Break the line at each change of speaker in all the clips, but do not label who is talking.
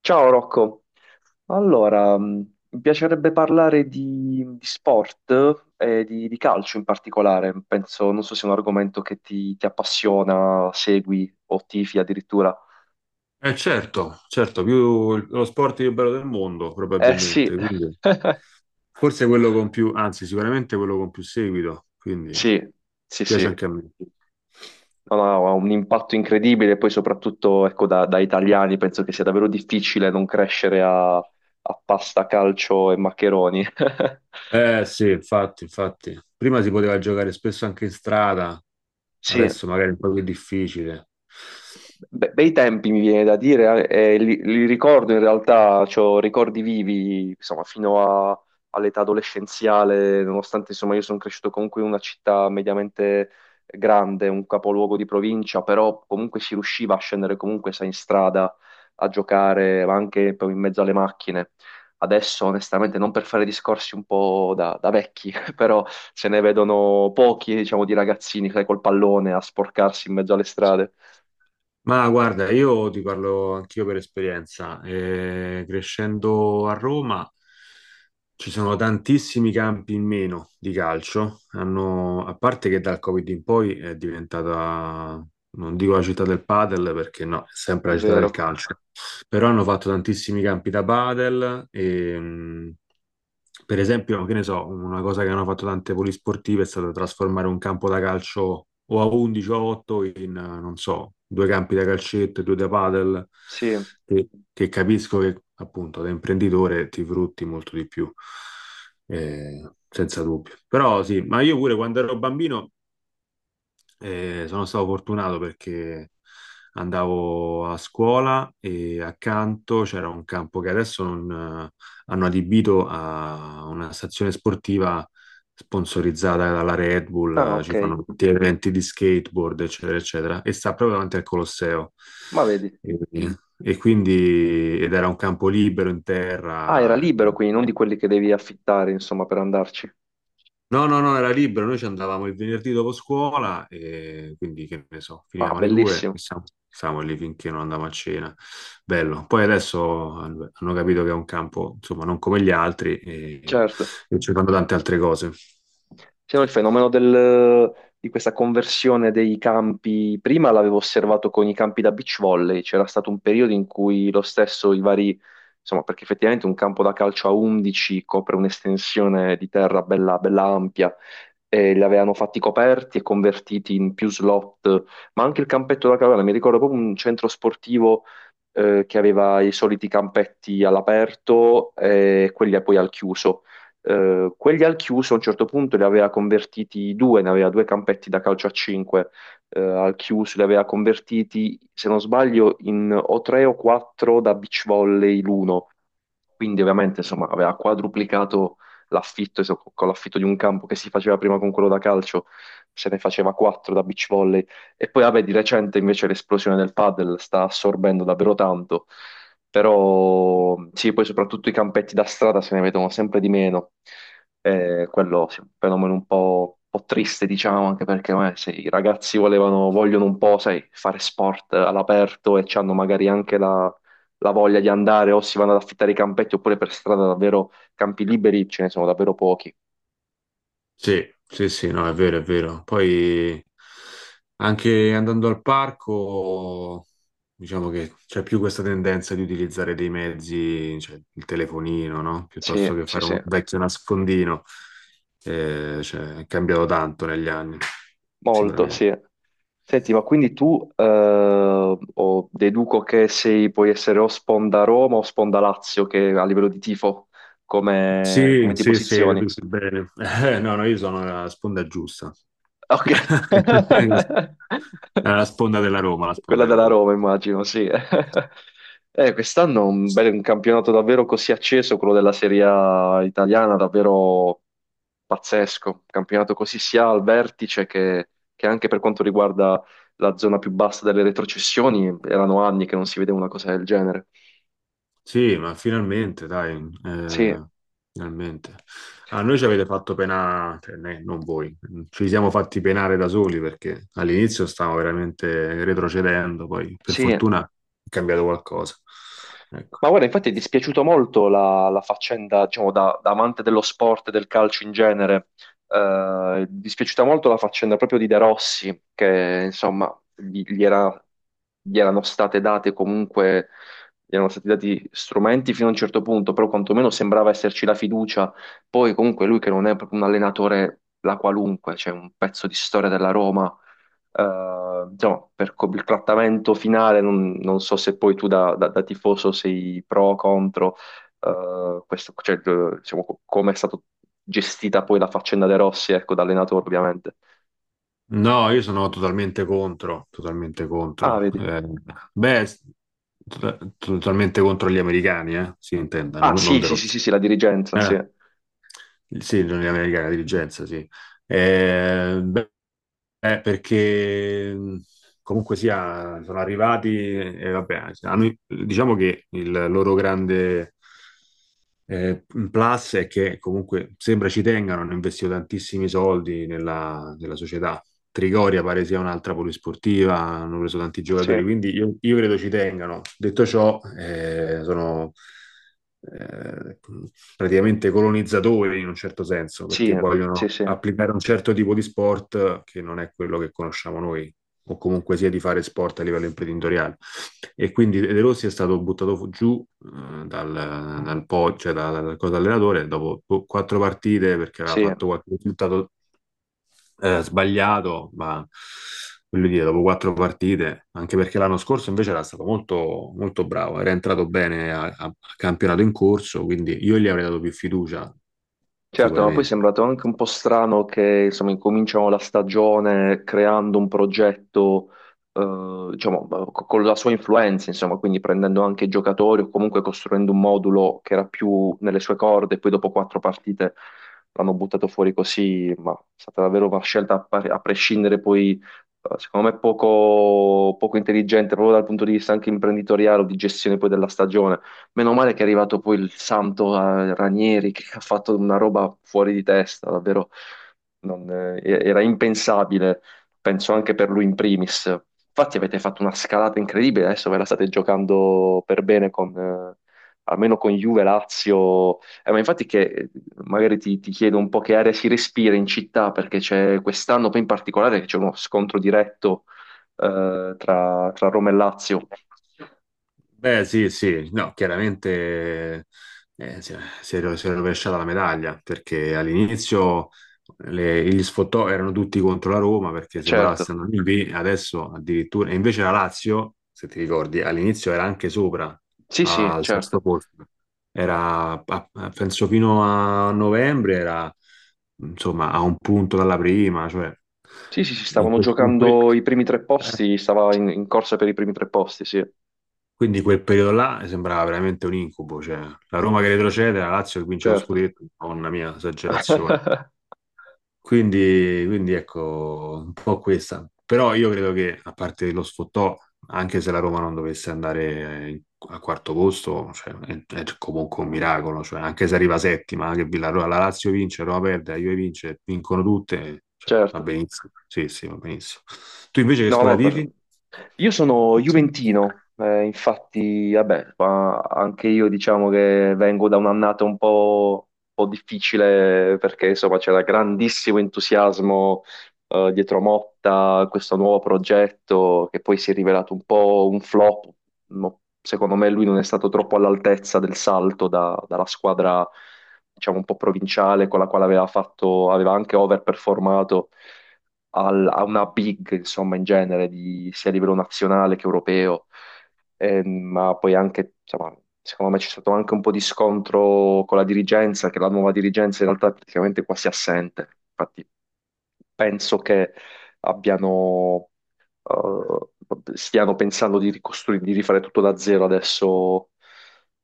Ciao Rocco, allora mi piacerebbe parlare di sport e di calcio in particolare, penso, non so se è un argomento che ti appassiona, segui o tifi addirittura.
Certo, certo, più lo sport più bello del mondo
Eh sì,
probabilmente, quindi forse quello con più, anzi sicuramente quello con più seguito, quindi
sì, sì,
piace
sì.
anche a me.
No, no, ha un impatto incredibile, poi soprattutto ecco, da italiani penso che sia davvero difficile non crescere a pasta, calcio e maccheroni.
Eh sì, infatti, infatti. Prima si poteva giocare spesso anche in strada,
Sì.
adesso magari è un po' più difficile.
Bei tempi mi viene da dire, e li ricordo in realtà, ho ricordi vivi, insomma, all'età adolescenziale, nonostante insomma io sono cresciuto comunque in una città mediamente grande, un capoluogo di provincia, però comunque si riusciva a scendere comunque, sai, in strada a giocare, ma anche poi in mezzo alle macchine. Adesso, onestamente, non per fare discorsi un po' da vecchi, però se ne vedono pochi, diciamo, di ragazzini, sai, col pallone a sporcarsi in mezzo alle strade.
Ma guarda, io ti parlo anch'io per esperienza. Crescendo a Roma ci sono tantissimi campi in meno di calcio. Hanno- a parte che dal Covid in poi è diventata, non dico la città del padel perché no, è
È
sempre la città del
vero.
calcio, però hanno fatto tantissimi campi da padel e, per esempio, che ne so, una cosa che hanno fatto tante polisportive è stata trasformare un campo da calcio o a 11 o a 8 in, non so, due campi da calcetto e due da padel,
Sì.
che capisco che appunto da imprenditore ti frutti molto di più, senza dubbio. Però sì, ma io pure quando ero bambino e sono stato fortunato perché andavo a scuola e accanto c'era un campo che adesso non, hanno adibito a una stazione sportiva sponsorizzata dalla Red Bull,
Ah, ok.
ci fanno tutti eventi di skateboard, eccetera, eccetera, e sta proprio davanti al Colosseo.
Ma vedi.
E, ed era un campo libero in
Ah, era
terra, e
libero quindi, non di quelli che devi affittare, insomma, per andarci.
no, no, no, era libero, noi ci andavamo il venerdì dopo scuola e quindi che ne so,
Ah,
finivamo alle due e
bellissimo.
stavamo lì finché non andavamo a cena. Bello. Poi adesso hanno capito che è un campo, insomma, non come gli altri
Certo.
e ci fanno tante altre cose.
Sì, no, di questa conversione dei campi, prima l'avevo osservato con i campi da beach volley, c'era stato un periodo in cui lo stesso i vari, insomma, perché effettivamente un campo da calcio a 11 copre un'estensione di terra bella, bella ampia, e li avevano fatti coperti e convertiti in più slot, ma anche il campetto da caverna, mi ricordo proprio un centro sportivo che aveva i soliti campetti all'aperto e quelli poi al chiuso. Quelli al chiuso a un certo punto li aveva convertiti due, ne aveva due campetti da calcio a 5 al chiuso, li aveva convertiti, se non sbaglio, in o 3 o 4 da beach volley l'uno. Quindi ovviamente insomma aveva quadruplicato l'affitto, con l'affitto di un campo che si faceva prima con quello da calcio, se ne faceva 4 da beach volley. E poi vabbè, di recente invece l'esplosione del padel sta assorbendo davvero tanto. Però sì, poi soprattutto i campetti da strada se ne vedono sempre di meno. Quello sì, è un fenomeno un po' triste, diciamo, anche perché se i ragazzi volevano, vogliono un po', sai, fare sport all'aperto e hanno magari anche la voglia di andare o si vanno ad affittare i campetti oppure per strada davvero campi liberi ce ne sono davvero pochi.
Sì, sì, sì, no, è vero, è vero. Poi anche andando al parco, diciamo che c'è più questa tendenza di utilizzare dei mezzi, cioè il telefonino, no? Piuttosto
Sì,
che
sì,
fare un
sì.
vecchio nascondino. Cioè, è cambiato tanto negli anni,
Molto,
sicuramente.
sì. Senti, ma quindi tu o deduco che sei, puoi essere o sponda Roma o sponda Lazio, che a livello di tifo, come,
Sì,
come ti
sì, sì,
posizioni?
riduce il bene. No, no, io sono la sponda giusta.
Ok.
La sponda della Roma, la
Quella
sponda della
della
Roma.
Roma, immagino, sì. Quest'anno un campionato davvero così acceso, quello della Serie A italiana, davvero pazzesco. Un campionato così sia al vertice che anche per quanto riguarda la zona più bassa delle retrocessioni, erano anni che non si vedeva una cosa del genere.
Sì, ma finalmente, dai,
Sì,
eh, finalmente. A noi ci avete fatto penare, cioè, ne- non voi, ci siamo fatti penare da soli perché all'inizio stavamo veramente retrocedendo, poi per
sì.
fortuna è cambiato qualcosa. Ecco.
Ma guarda, infatti è dispiaciuto molto la faccenda, diciamo, da amante dello sport e del calcio in genere, è dispiaciuta molto la faccenda proprio di De Rossi, che insomma gli, gli era- gli erano state date comunque, gli erano stati dati strumenti fino a un certo punto, però quantomeno sembrava esserci la fiducia. Poi comunque lui che non è proprio un allenatore la qualunque, c'è un pezzo di storia della Roma diciamo, il trattamento finale, non so se poi tu da tifoso sei pro o contro, questo, cioè, diciamo, come è stata gestita poi la faccenda De Rossi, ecco, da allenatore ovviamente.
No, io sono totalmente contro, totalmente
Ah,
contro.
vedi.
Beh, to- totalmente contro gli americani, si intenda,
Ah,
non, non
sì,
De
sì, sì,
Rossi.
sì, sì, la dirigenza,
Eh
sì,
sì, gli americani, la dirigenza, sì. Beh, perché Comunque sia, sono arrivati e vabbè, hanno- diciamo che il loro grande un plus è che comunque sembra ci tengano, hanno investito tantissimi soldi nella, nella società. Trigoria pare sia un'altra polisportiva, hanno preso tanti
sì,
giocatori, quindi io credo ci tengano. Detto ciò, sono eh, praticamente colonizzatori in un certo senso,
sì,
perché
sì,
vogliono
sì,
applicare un certo tipo di sport che non è quello che conosciamo noi o comunque sia di fare sport a livello imprenditoriale. E quindi De Rossi è stato buttato giù dal po', cioè dal corpo allenatore dopo po- quattro partite perché aveva
sì.
fatto qualche risultato sbagliato, ma voglio dire, dopo quattro partite, anche perché l'anno scorso invece era stato molto, molto bravo, era entrato bene a campionato in corso, quindi io gli avrei dato più fiducia,
Certo, ma poi è
sicuramente.
sembrato anche un po' strano che insomma, incominciano la stagione creando un progetto, diciamo, con la sua influenza, insomma, quindi prendendo anche i giocatori o comunque costruendo un modulo che era più nelle sue corde, e poi dopo quattro partite l'hanno buttato fuori così, ma è stata davvero una scelta a prescindere poi, secondo me, poco, poco intelligente proprio dal punto di vista anche imprenditoriale o di gestione poi della stagione. Meno male che è arrivato poi il santo Ranieri che ha fatto una roba fuori di testa, davvero non, era impensabile, penso anche per lui in primis. Infatti avete fatto una scalata incredibile, adesso ve la state giocando per bene con, almeno con Juve, Lazio. Ma infatti che magari ti chiedo un po' che aria si respira in città, perché c'è quest'anno poi in particolare che c'è uno scontro diretto tra Roma e Lazio.
Beh, sì, sì, no, chiaramente si è rovesciata la medaglia perché all'inizio le- gli sfottò erano tutti contro la Roma perché sembrava
Certo,
stiano lì, lì, adesso addirittura, e invece la Lazio, se ti ricordi, all'inizio era anche sopra
sì sì,
al sesto
certo.
posto, era penso fino a novembre, era insomma a un punto dalla prima, cioè
Sì, sì, sì,
in
stavano
quel, in quel-
giocando i primi tre posti, stava in corsa per i primi tre posti, sì,
quindi quel periodo là sembrava veramente un incubo, cioè la Roma che retrocede, la Lazio che vince lo
certo.
scudetto, madonna mia, esagerazione. Quindi, quindi ecco, un po' questa. Però io credo che, a parte lo sfottò, anche se la Roma non dovesse andare a quarto posto, cioè, è comunque un miracolo, cioè, anche se arriva settima, che la, la Lazio vince, la Roma perde, la Juve vince, vincono tutte, cioè, va
Certo.
benissimo. Sì, sì, va benissimo. Tu invece che
No,
scuola
no,
tifi?
io sono juventino, infatti, vabbè, ma anche io diciamo che vengo da un'annata un po' difficile perché insomma c'era grandissimo entusiasmo dietro Motta, questo nuovo progetto che poi si è rivelato un po' un flop. No, secondo me lui non è stato troppo all'altezza del salto dalla squadra, diciamo, un po' provinciale con la quale aveva fatto, aveva anche overperformato a una big, insomma, in genere, sia a livello nazionale che europeo. Ma poi anche, insomma, secondo me c'è stato anche un po' di scontro con la dirigenza, che la nuova dirigenza in realtà è praticamente quasi assente. Infatti, penso che abbiano stiano pensando di ricostruire, di rifare tutto da zero adesso,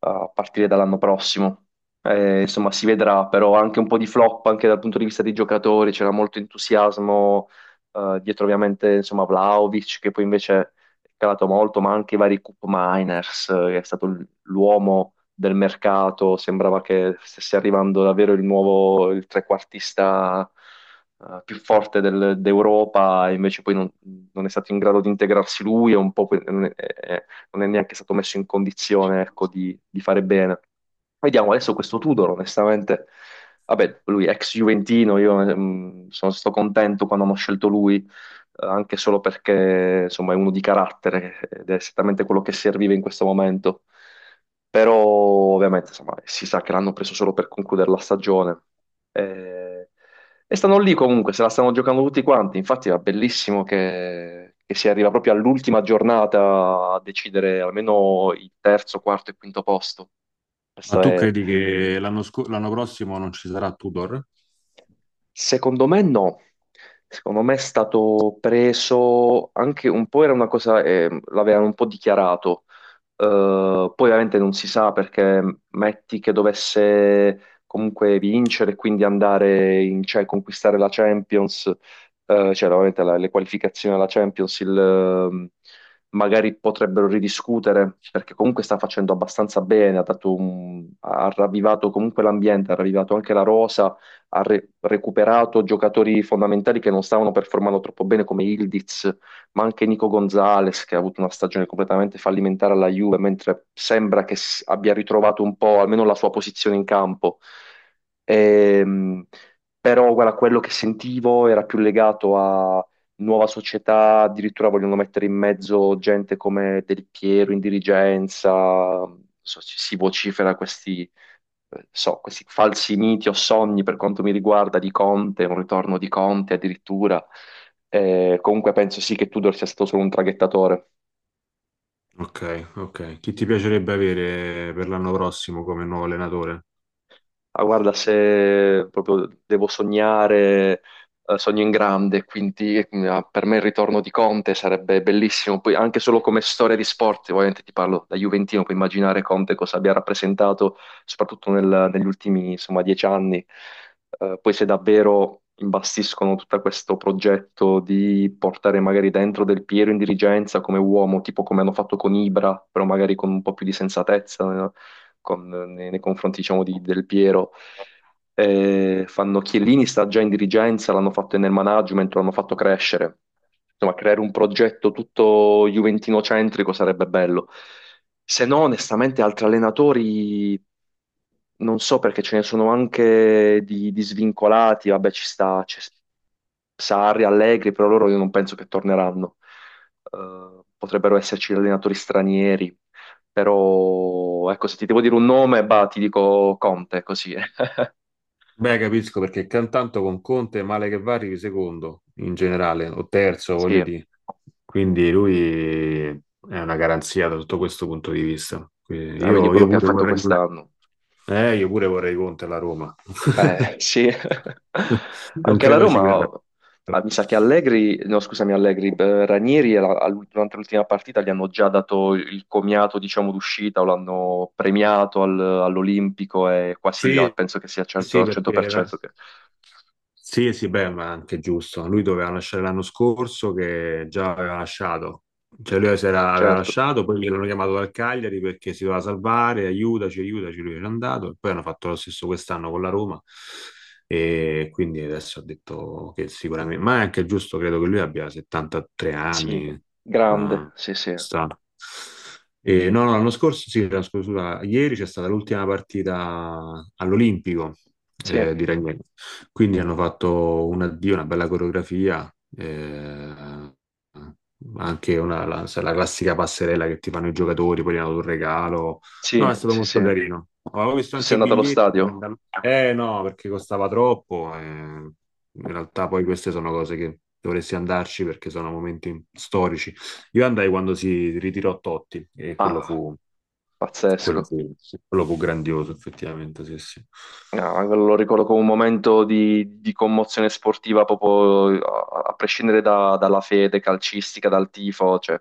a partire dall'anno prossimo. Insomma, si vedrà, però anche un po' di flop anche dal punto di vista dei giocatori, c'era molto entusiasmo dietro ovviamente insomma Vlahovic che poi invece è calato molto, ma anche i vari Koop Miners, che è stato l'uomo del mercato, sembrava che stesse arrivando davvero il nuovo, il trequartista più forte d'Europa e invece poi non, è stato in grado di integrarsi lui e un po' poi non è, non è neanche stato messo in condizione, ecco, di fare bene. Vediamo adesso questo Tudor, onestamente. Vabbè, lui è ex Juventino, io sono stato contento quando hanno scelto lui anche solo perché insomma è uno di carattere ed è esattamente quello che serviva in questo momento. Però ovviamente insomma, si sa che l'hanno preso solo per concludere la stagione. Eh, E stanno lì comunque, se la stanno giocando tutti quanti. Infatti è bellissimo che si arriva proprio all'ultima giornata a decidere almeno il terzo, quarto e quinto posto.
Ma
Questo
tu
è.
credi che l'anno prossimo non ci sarà Tudor?
Secondo me no, secondo me è stato preso anche un po', era una cosa, l'avevano un po' dichiarato. Poi ovviamente non si sa perché metti che dovesse comunque vincere e quindi andare in, cioè, conquistare la Champions, cioè ovviamente le qualificazioni alla Champions, magari potrebbero ridiscutere perché comunque sta facendo abbastanza bene, ha dato ha ravvivato comunque l'ambiente, ha ravvivato anche la rosa ha recuperato giocatori fondamentali che non stavano performando troppo bene come Ildiz, ma anche Nico Gonzalez che ha avuto una stagione completamente fallimentare alla Juve, mentre sembra che abbia ritrovato un po' almeno la sua posizione in campo. Ehm, Però guarda, quello che sentivo era più legato a nuova società, addirittura vogliono mettere in mezzo gente come Del Piero in dirigenza, si vocifera questi questi falsi miti o sogni per quanto mi riguarda di Conte, un ritorno di Conte addirittura. Comunque penso sì che Tudor sia stato solo un traghettatore.
Ok, ok. Chi ti piacerebbe avere per l'anno prossimo come nuovo allenatore?
Ma guarda, se proprio devo sognare, sogno in grande, quindi per me il ritorno di Conte sarebbe bellissimo. Poi anche solo come storia di sport, ovviamente ti parlo da Juventino, puoi immaginare Conte cosa abbia rappresentato, soprattutto negli ultimi, insomma, 10 anni. Poi se davvero imbastiscono tutto questo progetto di portare magari dentro Del Piero in dirigenza come uomo, tipo come hanno fatto con Ibra, però magari con un po' più di sensatezza, nei confronti, diciamo, di Del Piero. Fanno Chiellini sta già in dirigenza, l'hanno fatto nel management, l'hanno fatto crescere. Insomma, creare un progetto tutto juventino-centrico sarebbe bello. Se no, onestamente, altri allenatori non so perché ce ne sono anche di svincolati, vabbè ci sta c'è Sarri, Allegri, però loro io non penso che torneranno. Potrebbero esserci allenatori stranieri, però ecco se ti devo dire un nome, bah, ti dico Conte, così.
Beh, capisco perché cantanto con Conte, male che va, arrivi secondo in generale, o terzo, voglio
Sì,
dire. Quindi lui è una garanzia da tutto questo punto di vista. Quindi
la vedi
io
quello che ha
pure
fatto
vorrei,
quest'anno.
io pure vorrei Conte alla Roma.
Sì,
Non
anche la
credo ci
Roma,
verrà.
ah, mi sa che Allegri, no scusami Allegri, Ranieri durante l'ultima partita gli hanno già dato il comiato, diciamo, d'uscita o l'hanno premiato all'Olimpico e quasi, ah,
Sì,
penso che sia certo,
sì,
al
perché la-
100% che.
sì, sì, beh, ma anche giusto. Lui doveva lasciare l'anno scorso, che già aveva lasciato. Cioè lui si era- aveva
Certo,
lasciato, poi l'hanno chiamato dal Cagliari perché si doveva salvare, aiutaci, aiutaci, lui era andato, e poi hanno fatto lo stesso quest'anno con la Roma e quindi adesso ha detto che sicuramente, ma è anche giusto, credo che lui abbia 73
sì,
anni, ma
grande, sì, sì,
sta. No, no, l'anno scorso, sì, l'anno scorso, scusa, ieri c'è stata l'ultima partita all'Olimpico
sì,
di Ragnello. Quindi hanno fatto un addio, una bella coreografia, eh, sai, la classica passerella che ti fanno i giocatori, poi gli hanno dato un regalo. No,
sì,
è stato
sì, sì.
molto carino. Avevo visto
Tu sei
anche i
andato allo
biglietti,
stadio?
eh no, perché costava troppo. In realtà poi queste sono cose che dovresti andarci perché sono momenti storici. Io andai quando si ritirò Totti e
Ah,
quello
pazzesco.
fu, sì, quello fu grandioso, effettivamente. Sì, sì.
No, anche lo ricordo come un momento di commozione sportiva, proprio a prescindere dalla fede calcistica, dal tifo, cioè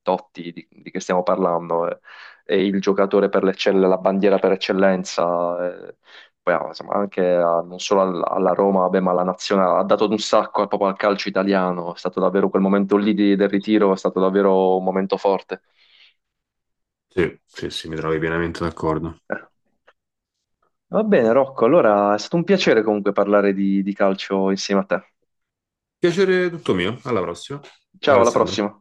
Totti, di che stiamo parlando, è, il giocatore per l'eccellenza, la bandiera per eccellenza, eh. Poi, ah, insomma, anche non solo alla Roma, vabbè, ma alla nazionale, ha dato un sacco proprio al calcio italiano, è stato davvero quel momento lì del ritiro, è stato davvero un momento forte.
Sì, sì, sì, mi trovi pienamente d'accordo.
Eh. Va bene, Rocco, allora è stato un piacere comunque parlare di calcio insieme a te.
Piacere tutto mio. Alla prossima. Ciao
Ciao, alla
Alessandro.
prossima.